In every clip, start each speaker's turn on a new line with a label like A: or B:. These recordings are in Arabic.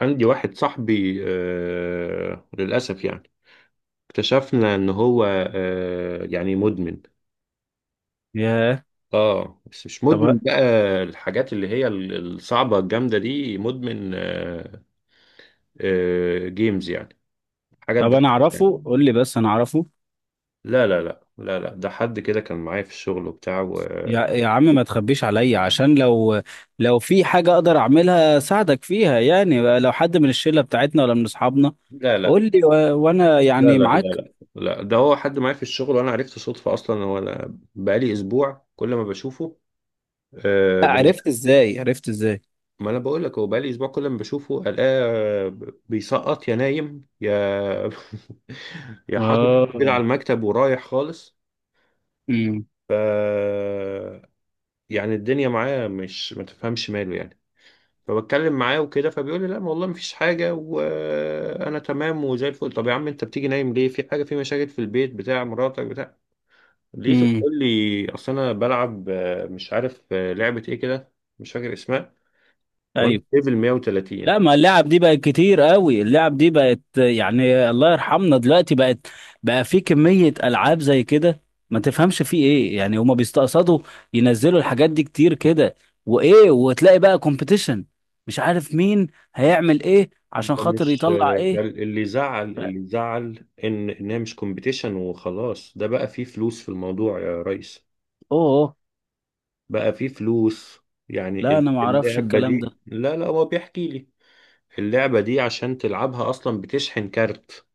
A: عندي واحد صاحبي للأسف يعني اكتشفنا إن هو يعني مدمن.
B: ياه.
A: اه بس مش مدمن
B: طب
A: بقى الحاجات اللي هي الصعبة الجامدة دي مدمن جيمز يعني حاجات
B: طب
A: ده
B: انا
A: يعني.
B: اعرفه، قول لي بس انا اعرفه.
A: لا لا لا لا لا، ده حد كده كان معايا في الشغل وبتاع
B: يا عم ما تخبيش عليا، عشان لو في حاجة اقدر اعملها ساعدك فيها، يعني لو حد من الشلة بتاعتنا ولا من اصحابنا
A: لا لا
B: قول لي، و... وانا
A: لا
B: يعني
A: لا لا
B: معاك.
A: لا لا، ده هو حد معايا في الشغل وانا عرفته صدفة اصلا، هو انا بقالي اسبوع كل ما بشوفه. آه،
B: لا، عرفت ازاي؟ عرفت ازاي؟
A: ما انا بقول لك هو بقالي اسبوع كل ما بشوفه الاقيه بيسقط، يا نايم يا يا حاطط كده على
B: اه.
A: المكتب ورايح خالص.
B: امم.
A: ف يعني الدنيا معاه مش، ما تفهمش ماله يعني. فبتكلم معاه وكده فبيقول لي لا ما والله مفيش حاجه وانا تمام وزي الفل. طب يا عم انت بتيجي نايم ليه؟ في حاجه؟ في مشاكل في البيت بتاع مراتك بتاع؟ لقيته
B: امم.
A: بيقول لي اصل انا بلعب، مش عارف، لعبه ايه كده مش فاكر اسمها، وانا
B: ايوه.
A: في ليفل 130.
B: لا، ما اللعب دي بقت كتير قوي، اللعب دي بقت يعني الله يرحمنا دلوقتي، بقت بقى في كمية ألعاب زي كده، ما تفهمش في ايه، يعني هما بيستقصدوا ينزلوا الحاجات دي كتير كده. وايه، وتلاقي بقى كومبيتيشن، مش عارف مين هيعمل ايه عشان
A: ده
B: خاطر
A: مش
B: يطلع
A: ده
B: ايه.
A: اللي زعل،
B: ف-
A: اللي زعل ان انها مش كومبيتيشن وخلاص، ده بقى فيه فلوس في الموضوع يا ريس.
B: اوه.
A: بقى فيه فلوس يعني
B: لا انا ما اعرفش
A: اللعبة
B: الكلام
A: دي،
B: ده.
A: لا لا هو بيحكي لي اللعبة دي عشان تلعبها اصلا بتشحن كارت.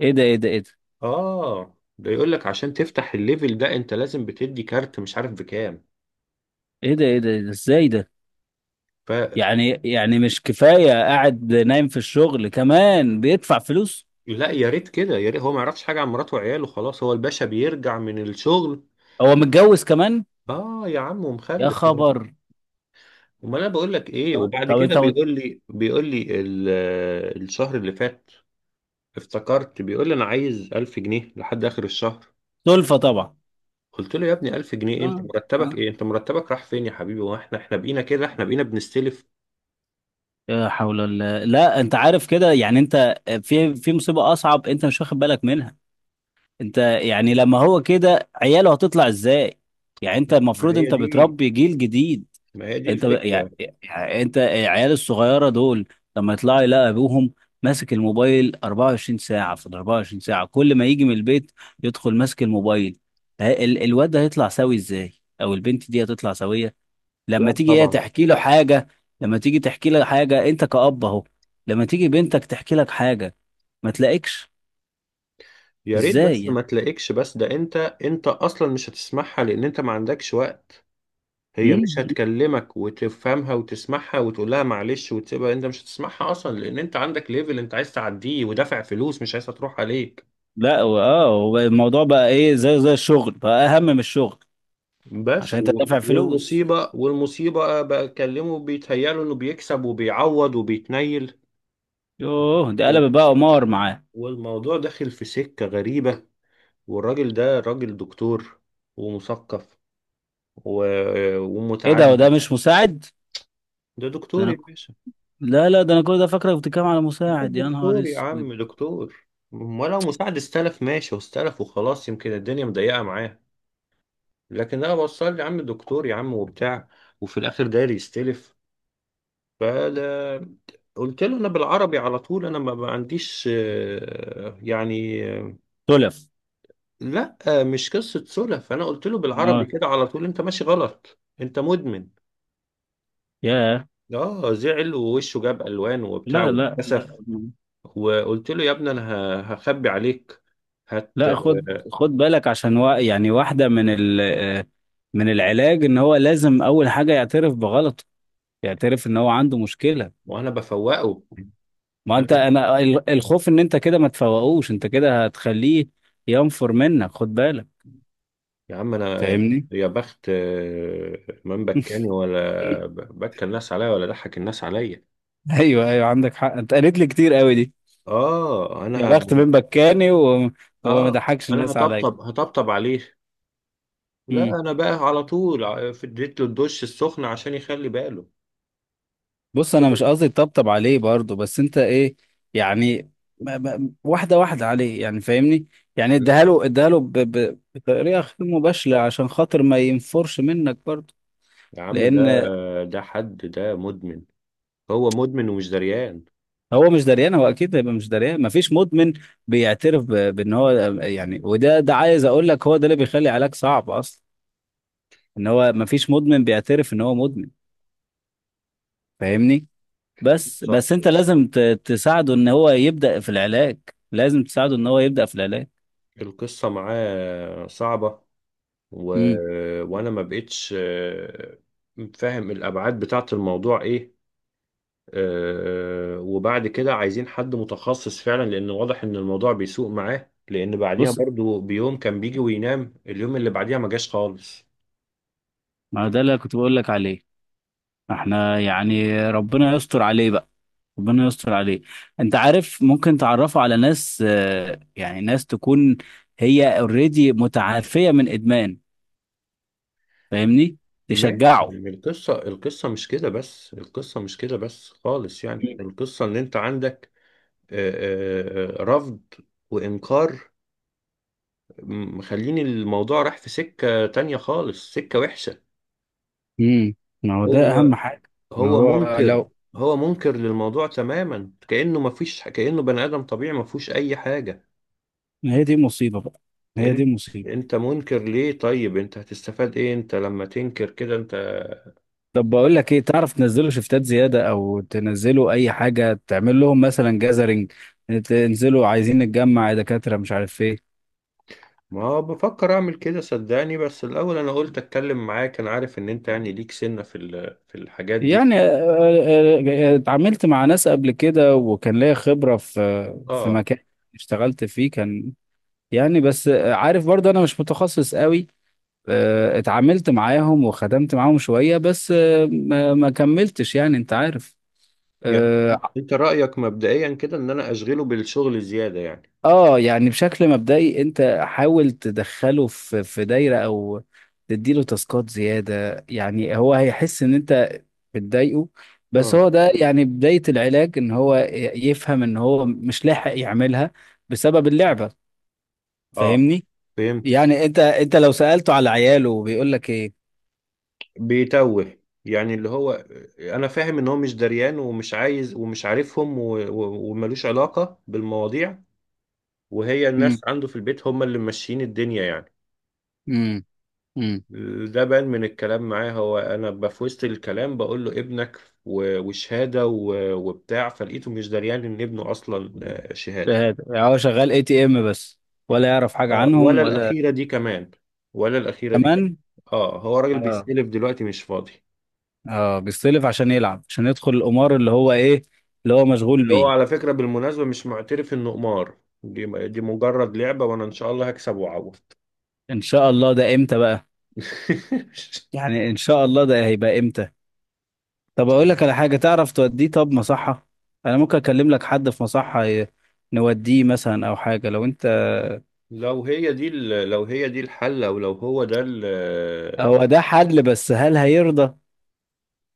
B: ايه ده؟ ايه ده؟ ايه ده؟
A: اه ده يقول لك عشان تفتح الليفل ده انت لازم بتدي كارت مش عارف بكام.
B: ايه ده؟ ايه ده؟ إيه ده؟ ازاي ده؟
A: فلا،
B: يعني مش كفاية قاعد نايم في الشغل، كمان بيدفع فلوس؟
A: يا ريت كده، يا ريت. هو ما يعرفش حاجة عن مراته وعياله خلاص، هو الباشا بيرجع من الشغل.
B: هو متجوز كمان؟
A: اه يا عم
B: يا
A: ومخلف.
B: خبر.
A: ما انا بقول لك ايه،
B: طب
A: وبعد
B: طب
A: كده بيقول لي بيقول لي الشهر اللي فات افتكرت بيقول لي انا عايز 1000 جنيه لحد اخر الشهر.
B: سلفة طبعا.
A: قلت له يا ابني 1000 جنيه إيه؟ انت
B: اه.
A: مرتبك
B: اه.
A: ايه؟ انت مرتبك راح فين يا حبيبي؟ واحنا بقينا كده؟ احنا بقينا بنستلف؟
B: لا حول الله. لا انت عارف كده، يعني انت في مصيبة اصعب انت مش واخد بالك منها. انت يعني لما هو كده، عياله هتطلع ازاي؟ يعني انت
A: ما
B: المفروض
A: هي
B: انت
A: دي،
B: بتربي جيل جديد.
A: ما هي دي الفكرة.
B: يعني انت العيال الصغيرة دول لما يطلعوا يلاقي ابوهم ماسك الموبايل 24 ساعة في ال 24 ساعة، كل ما يجي من البيت يدخل ماسك الموبايل، الواد ده هيطلع سوي ازاي؟ او البنت دي هتطلع سوية؟ لما
A: لا
B: تيجي هي
A: طبعا.
B: تحكي له حاجة، لما تيجي تحكي له حاجة انت كأب اهو، لما تيجي بنتك تحكي لك حاجة ما تلاقيكش.
A: يا ريت،
B: ازاي
A: بس ما
B: يعني؟
A: تلاقيكش. بس ده انت، اصلا مش هتسمعها، لان انت ما عندكش وقت. هي مش
B: مم؟
A: هتكلمك وتفهمها وتسمعها وتقول لها معلش وتسيبها، انت مش هتسمعها اصلا، لان انت عندك ليفل انت عايز تعديه ودافع فلوس مش عايزها تروح عليك.
B: لا، اه هو الموضوع بقى ايه، زي الشغل، بقى اهم من الشغل، عشان انت دافع فلوس.
A: والمصيبة، بقى بكلمه بيتهيأله انه بيكسب وبيعوض وبيتنيل.
B: يوه، ده
A: وال-
B: قلب بقى قمار معاه.
A: والموضوع داخل في سكة غريبة. والراجل ده راجل دكتور، ومثقف، و...
B: ايه ده، وده
A: ومتعلم.
B: مش مساعد؟
A: ده
B: ده
A: دكتور يا
B: انا،
A: باشا.
B: لا لا، ده انا كل ده فاكرك بتتكلم على
A: بس
B: مساعد، يا نهار
A: دكتور يا
B: اسود.
A: عم، دكتور، ولو مساعد استلف ماشي، واستلف وخلاص، يمكن الدنيا مضيقة معاه. لكن انا بوصل لي يا عم دكتور يا عم وبتاع، وفي الاخر داير يستلف. فده، قلت له انا بالعربي على طول، انا ما عنديش يعني،
B: تلف.
A: لا، مش قصة سلف. انا قلت له بالعربي
B: ما-
A: كده على طول انت ماشي غلط، انت مدمن.
B: يا
A: اه زعل ووشه جاب الوان وبتاع
B: لا لا لا.
A: واتكسف. وقلت له يا ابني انا هخبي عليك هت
B: لا. خد، خد بالك، عشان يعني واحدة من ال من العلاج ان هو لازم اول حاجة يعترف بغلطه، يعترف ان هو عنده مشكلة.
A: وانا بفوقه.
B: ما انت
A: انا
B: انا الخوف ان انت كده ما تفوقوش، انت كده هتخليه ينفر منك، خد بالك.
A: يا عم،
B: فاهمني؟
A: يا بخت من بكاني ولا بكى الناس عليا ولا ضحك الناس عليا.
B: ايوه ايوه، عندك حق، انت قالت لي كتير قوي دي.
A: اه انا
B: يا بخت من بكاني و... وما
A: اه
B: ضحكش
A: انا
B: الناس عليا.
A: هطبطب، عليه. لا انا بقى على طول اديت له الدش السخن عشان يخلي باله.
B: بص انا مش قصدي طبطب عليه برضه، بس انت ايه يعني، واحده واحده عليه، يعني فاهمني؟ يعني
A: لا
B: اديها له، اديها له بطريقه غير مباشره، عشان خاطر ما ينفرش منك برضه.
A: يا عم ده،
B: لان
A: حد ده مدمن، هو مدمن ومش دريان.
B: هو مش دريان، هو اكيد هيبقى مش دريان، مفيش مدمن بيعترف بان هو يعني، وده ده عايز اقول لك، هو ده اللي بيخلي علاج صعب اصلا، ان هو مفيش مدمن بيعترف ان هو مدمن. فاهمني؟ بس
A: ص-
B: انت لازم تساعده ان هو يبدا في العلاج، لازم تساعده ان هو يبدا في العلاج.
A: القصة معاه صعبة، و...
B: امم.
A: وانا ما بقتش فاهم الابعاد بتاعت الموضوع ايه. وبعد كده عايزين حد متخصص فعلا، لان واضح ان الموضوع بيسوء معاه، لان بعديها
B: بص،
A: برضو بيوم كان بيجي وينام، اليوم اللي بعديها ما جاش خالص.
B: ما ده اللي كنت بقول لك عليه. احنا يعني ربنا يستر عليه بقى، ربنا يستر عليه. انت عارف ممكن تعرفه على ناس، يعني ناس تكون هي اوريدي متعافية من ادمان، فاهمني؟
A: ماشي
B: تشجعه.
A: يعني القصة، القصة مش كده بس، القصة مش كده بس خالص، يعني القصة ان انت عندك آه، رفض وانكار، مخلين الموضوع راح في سكة تانية خالص، سكة وحشة.
B: امم. ما هو ده اهم
A: هو
B: حاجة. ما
A: هو
B: هو
A: منكر،
B: لو،
A: هو منكر للموضوع تماما، كأنه ما فيش، كأنه بني آدم طبيعي ما فيهوش اي حاجة.
B: ما هي دي مصيبة بقى، ما هي دي
A: انت،
B: مصيبة.
A: منكر ليه؟ طيب انت هتستفاد ايه انت لما تنكر كده انت؟
B: طب بقول لك ايه، تعرف تنزله شفتات زيادة او تنزله اي حاجة، تعمل لهم مثلا جازرينج، تنزلوا عايزين نتجمع يا دكاترة، مش عارف ايه.
A: ما هو بفكر اعمل كده صدقني، بس الاول انا قلت اتكلم معاك، انا عارف ان انت يعني ليك سنة في في الحاجات دي.
B: يعني اتعاملت مع ناس قبل كده، وكان ليا خبرة في
A: اه،
B: مكان اشتغلت فيه، كان يعني بس عارف برضه انا مش متخصص قوي. اتعاملت معاهم وخدمت معاهم شوية، بس ما كملتش، يعني انت عارف.
A: يعني
B: آه،
A: انت رأيك مبدئيا كده ان انا اشغله بالشغل زيادة يعني.
B: اه يعني بشكل مبدئي انت حاول تدخله في دايره، او تديله تاسكات زياده، يعني هو هيحس ان انت بتضايقه، بس
A: اه
B: هو ده يعني بدايه العلاج، ان هو يفهم ان هو مش لاحق يعملها بسبب اللعبه.
A: اه،
B: فاهمني؟
A: فهمت.
B: يعني انت لو سالته على عياله بيقول لك ايه؟
A: بيتوه يعني، اللي هو، انا فاهم ان هو مش دريان ومش عايز ومش عارفهم وملوش علاقة بالمواضيع، وهي الناس
B: امم.
A: عنده في البيت هم اللي ماشيين الدنيا يعني.
B: امم. امم.
A: ده بان من الكلام معاه، هو انا في وسط الكلام بقول له ابنك وشهاده وبتاع، فلقيته مش دريان ان ابنه اصلا شهاده.
B: هو شغال اي تي ام بس؟ ولا يعرف حاجه
A: اه
B: عنهم
A: ولا
B: ولا؟
A: الاخيره دي كمان، ولا الاخيره دي كمان.
B: كمان.
A: اه هو راجل
B: اه.
A: بيستلف دلوقتي مش فاضي.
B: اه بيستلف عشان يلعب، عشان يدخل القمار اللي هو ايه، اللي هو مشغول
A: اللي هو
B: بيه.
A: على فكره بالمناسبه مش معترف انه قمار، دي دي مجرد لعبه وانا ان شاء الله هكسب واعوض.
B: ان شاء الله، ده امتى بقى؟ يعني ان شاء الله ده هيبقى امتى؟ طب اقول لك على حاجه، تعرف توديه طب مصحه؟ انا ممكن اكلم لك حد في مصحه، نوديه مثلا، او حاجه لو انت.
A: لو هي دي لو هي دي الحل، او لو هو ده
B: هو ده حل، بس هل هيرضى؟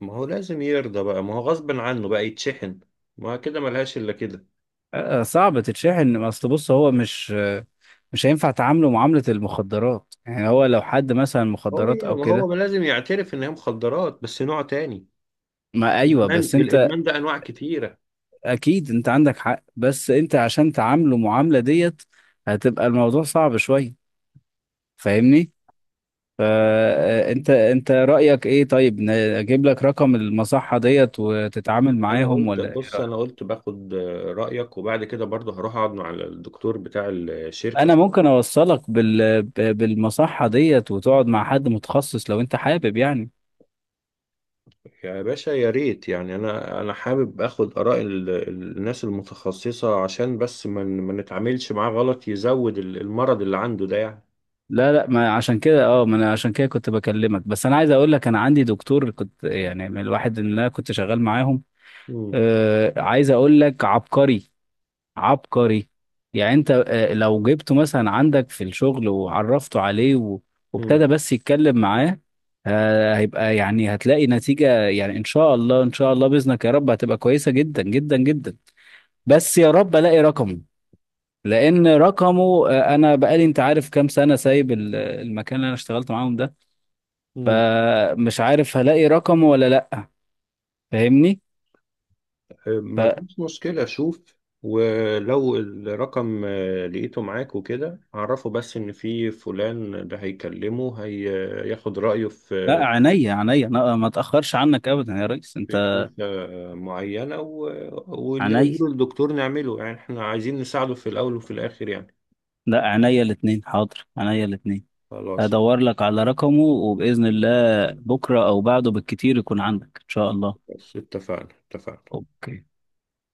A: ما هو لازم يرضى بقى، ما هو غصب عنه بقى يتشحن، ما كده ملهاش الا كده.
B: صعب تتشحن، اصل بص هو مش مش هينفع تعامله معامله المخدرات، يعني هو لو حد مثلا
A: هو،
B: مخدرات او
A: ما
B: كده.
A: ما لازم يعترف ان هي مخدرات بس نوع تاني.
B: ما ايوه
A: الادمان،
B: بس انت،
A: الادمان ده انواع كتيره.
B: اكيد انت عندك حق، بس انت عشان تعامله معاملة ديت هتبقى الموضوع صعب شوية، فاهمني؟ فانت انت رأيك ايه طيب، اجيب لك رقم المصحة ديت وتتعامل
A: انا
B: معاهم،
A: قلت
B: ولا ايه
A: بص،
B: رأيك؟
A: انا قلت باخد رايك، وبعد كده برضه هروح اقعد مع الدكتور بتاع
B: انا
A: الشركه.
B: ممكن اوصلك بالمصحة ديت، وتقعد مع حد متخصص، لو انت حابب يعني.
A: يا باشا يا ريت يعني، انا انا حابب اخد اراء الناس المتخصصه، عشان بس ما ما نتعاملش معاه غلط يزود المرض اللي عنده ده يعني.
B: لا لا، ما عشان كده اه، ما انا عشان كده كنت بكلمك، بس انا عايز اقول لك انا عندي دكتور، كنت يعني من الواحد اللي انا كنت شغال معاهم.
A: مم.
B: عايز اقول لك عبقري، عبقري، يعني انت لو جبته مثلا عندك في الشغل وعرفته عليه،
A: مم.
B: وابتدى بس يتكلم معاه، هيبقى يعني هتلاقي نتيجة، يعني ان شاء الله، ان شاء الله بإذنك يا رب هتبقى كويسة جدا جدا جدا. بس يا رب الاقي رقمه، لان رقمه انا بقالي انت عارف كام سنة سايب المكان اللي انا اشتغلت معاهم ده،
A: مم.
B: فمش عارف هلاقي رقمه ولا لا. فاهمني؟
A: ما
B: فلا
A: فيش مشكلة، شوف، ولو الرقم لقيته معاك وكده عرفه، بس إن في فلان ده هيكلمه هياخد رأيه في،
B: عينيا، عينيا، أنا ما اتأخرش عنك ابدا يا ريس انت.
A: في كنيسة معينة، واللي
B: عينيا،
A: يقوله الدكتور نعمله، يعني احنا عايزين نساعده في الأول وفي الآخر يعني.
B: لا عينيا الاتنين، حاضر، عينيا الاتنين.
A: خلاص،
B: هدور لك على رقمه، وبإذن الله بكرة أو بعده بالكتير يكون عندك إن شاء الله.
A: بس اتفقنا، اتفقنا.
B: اوكي.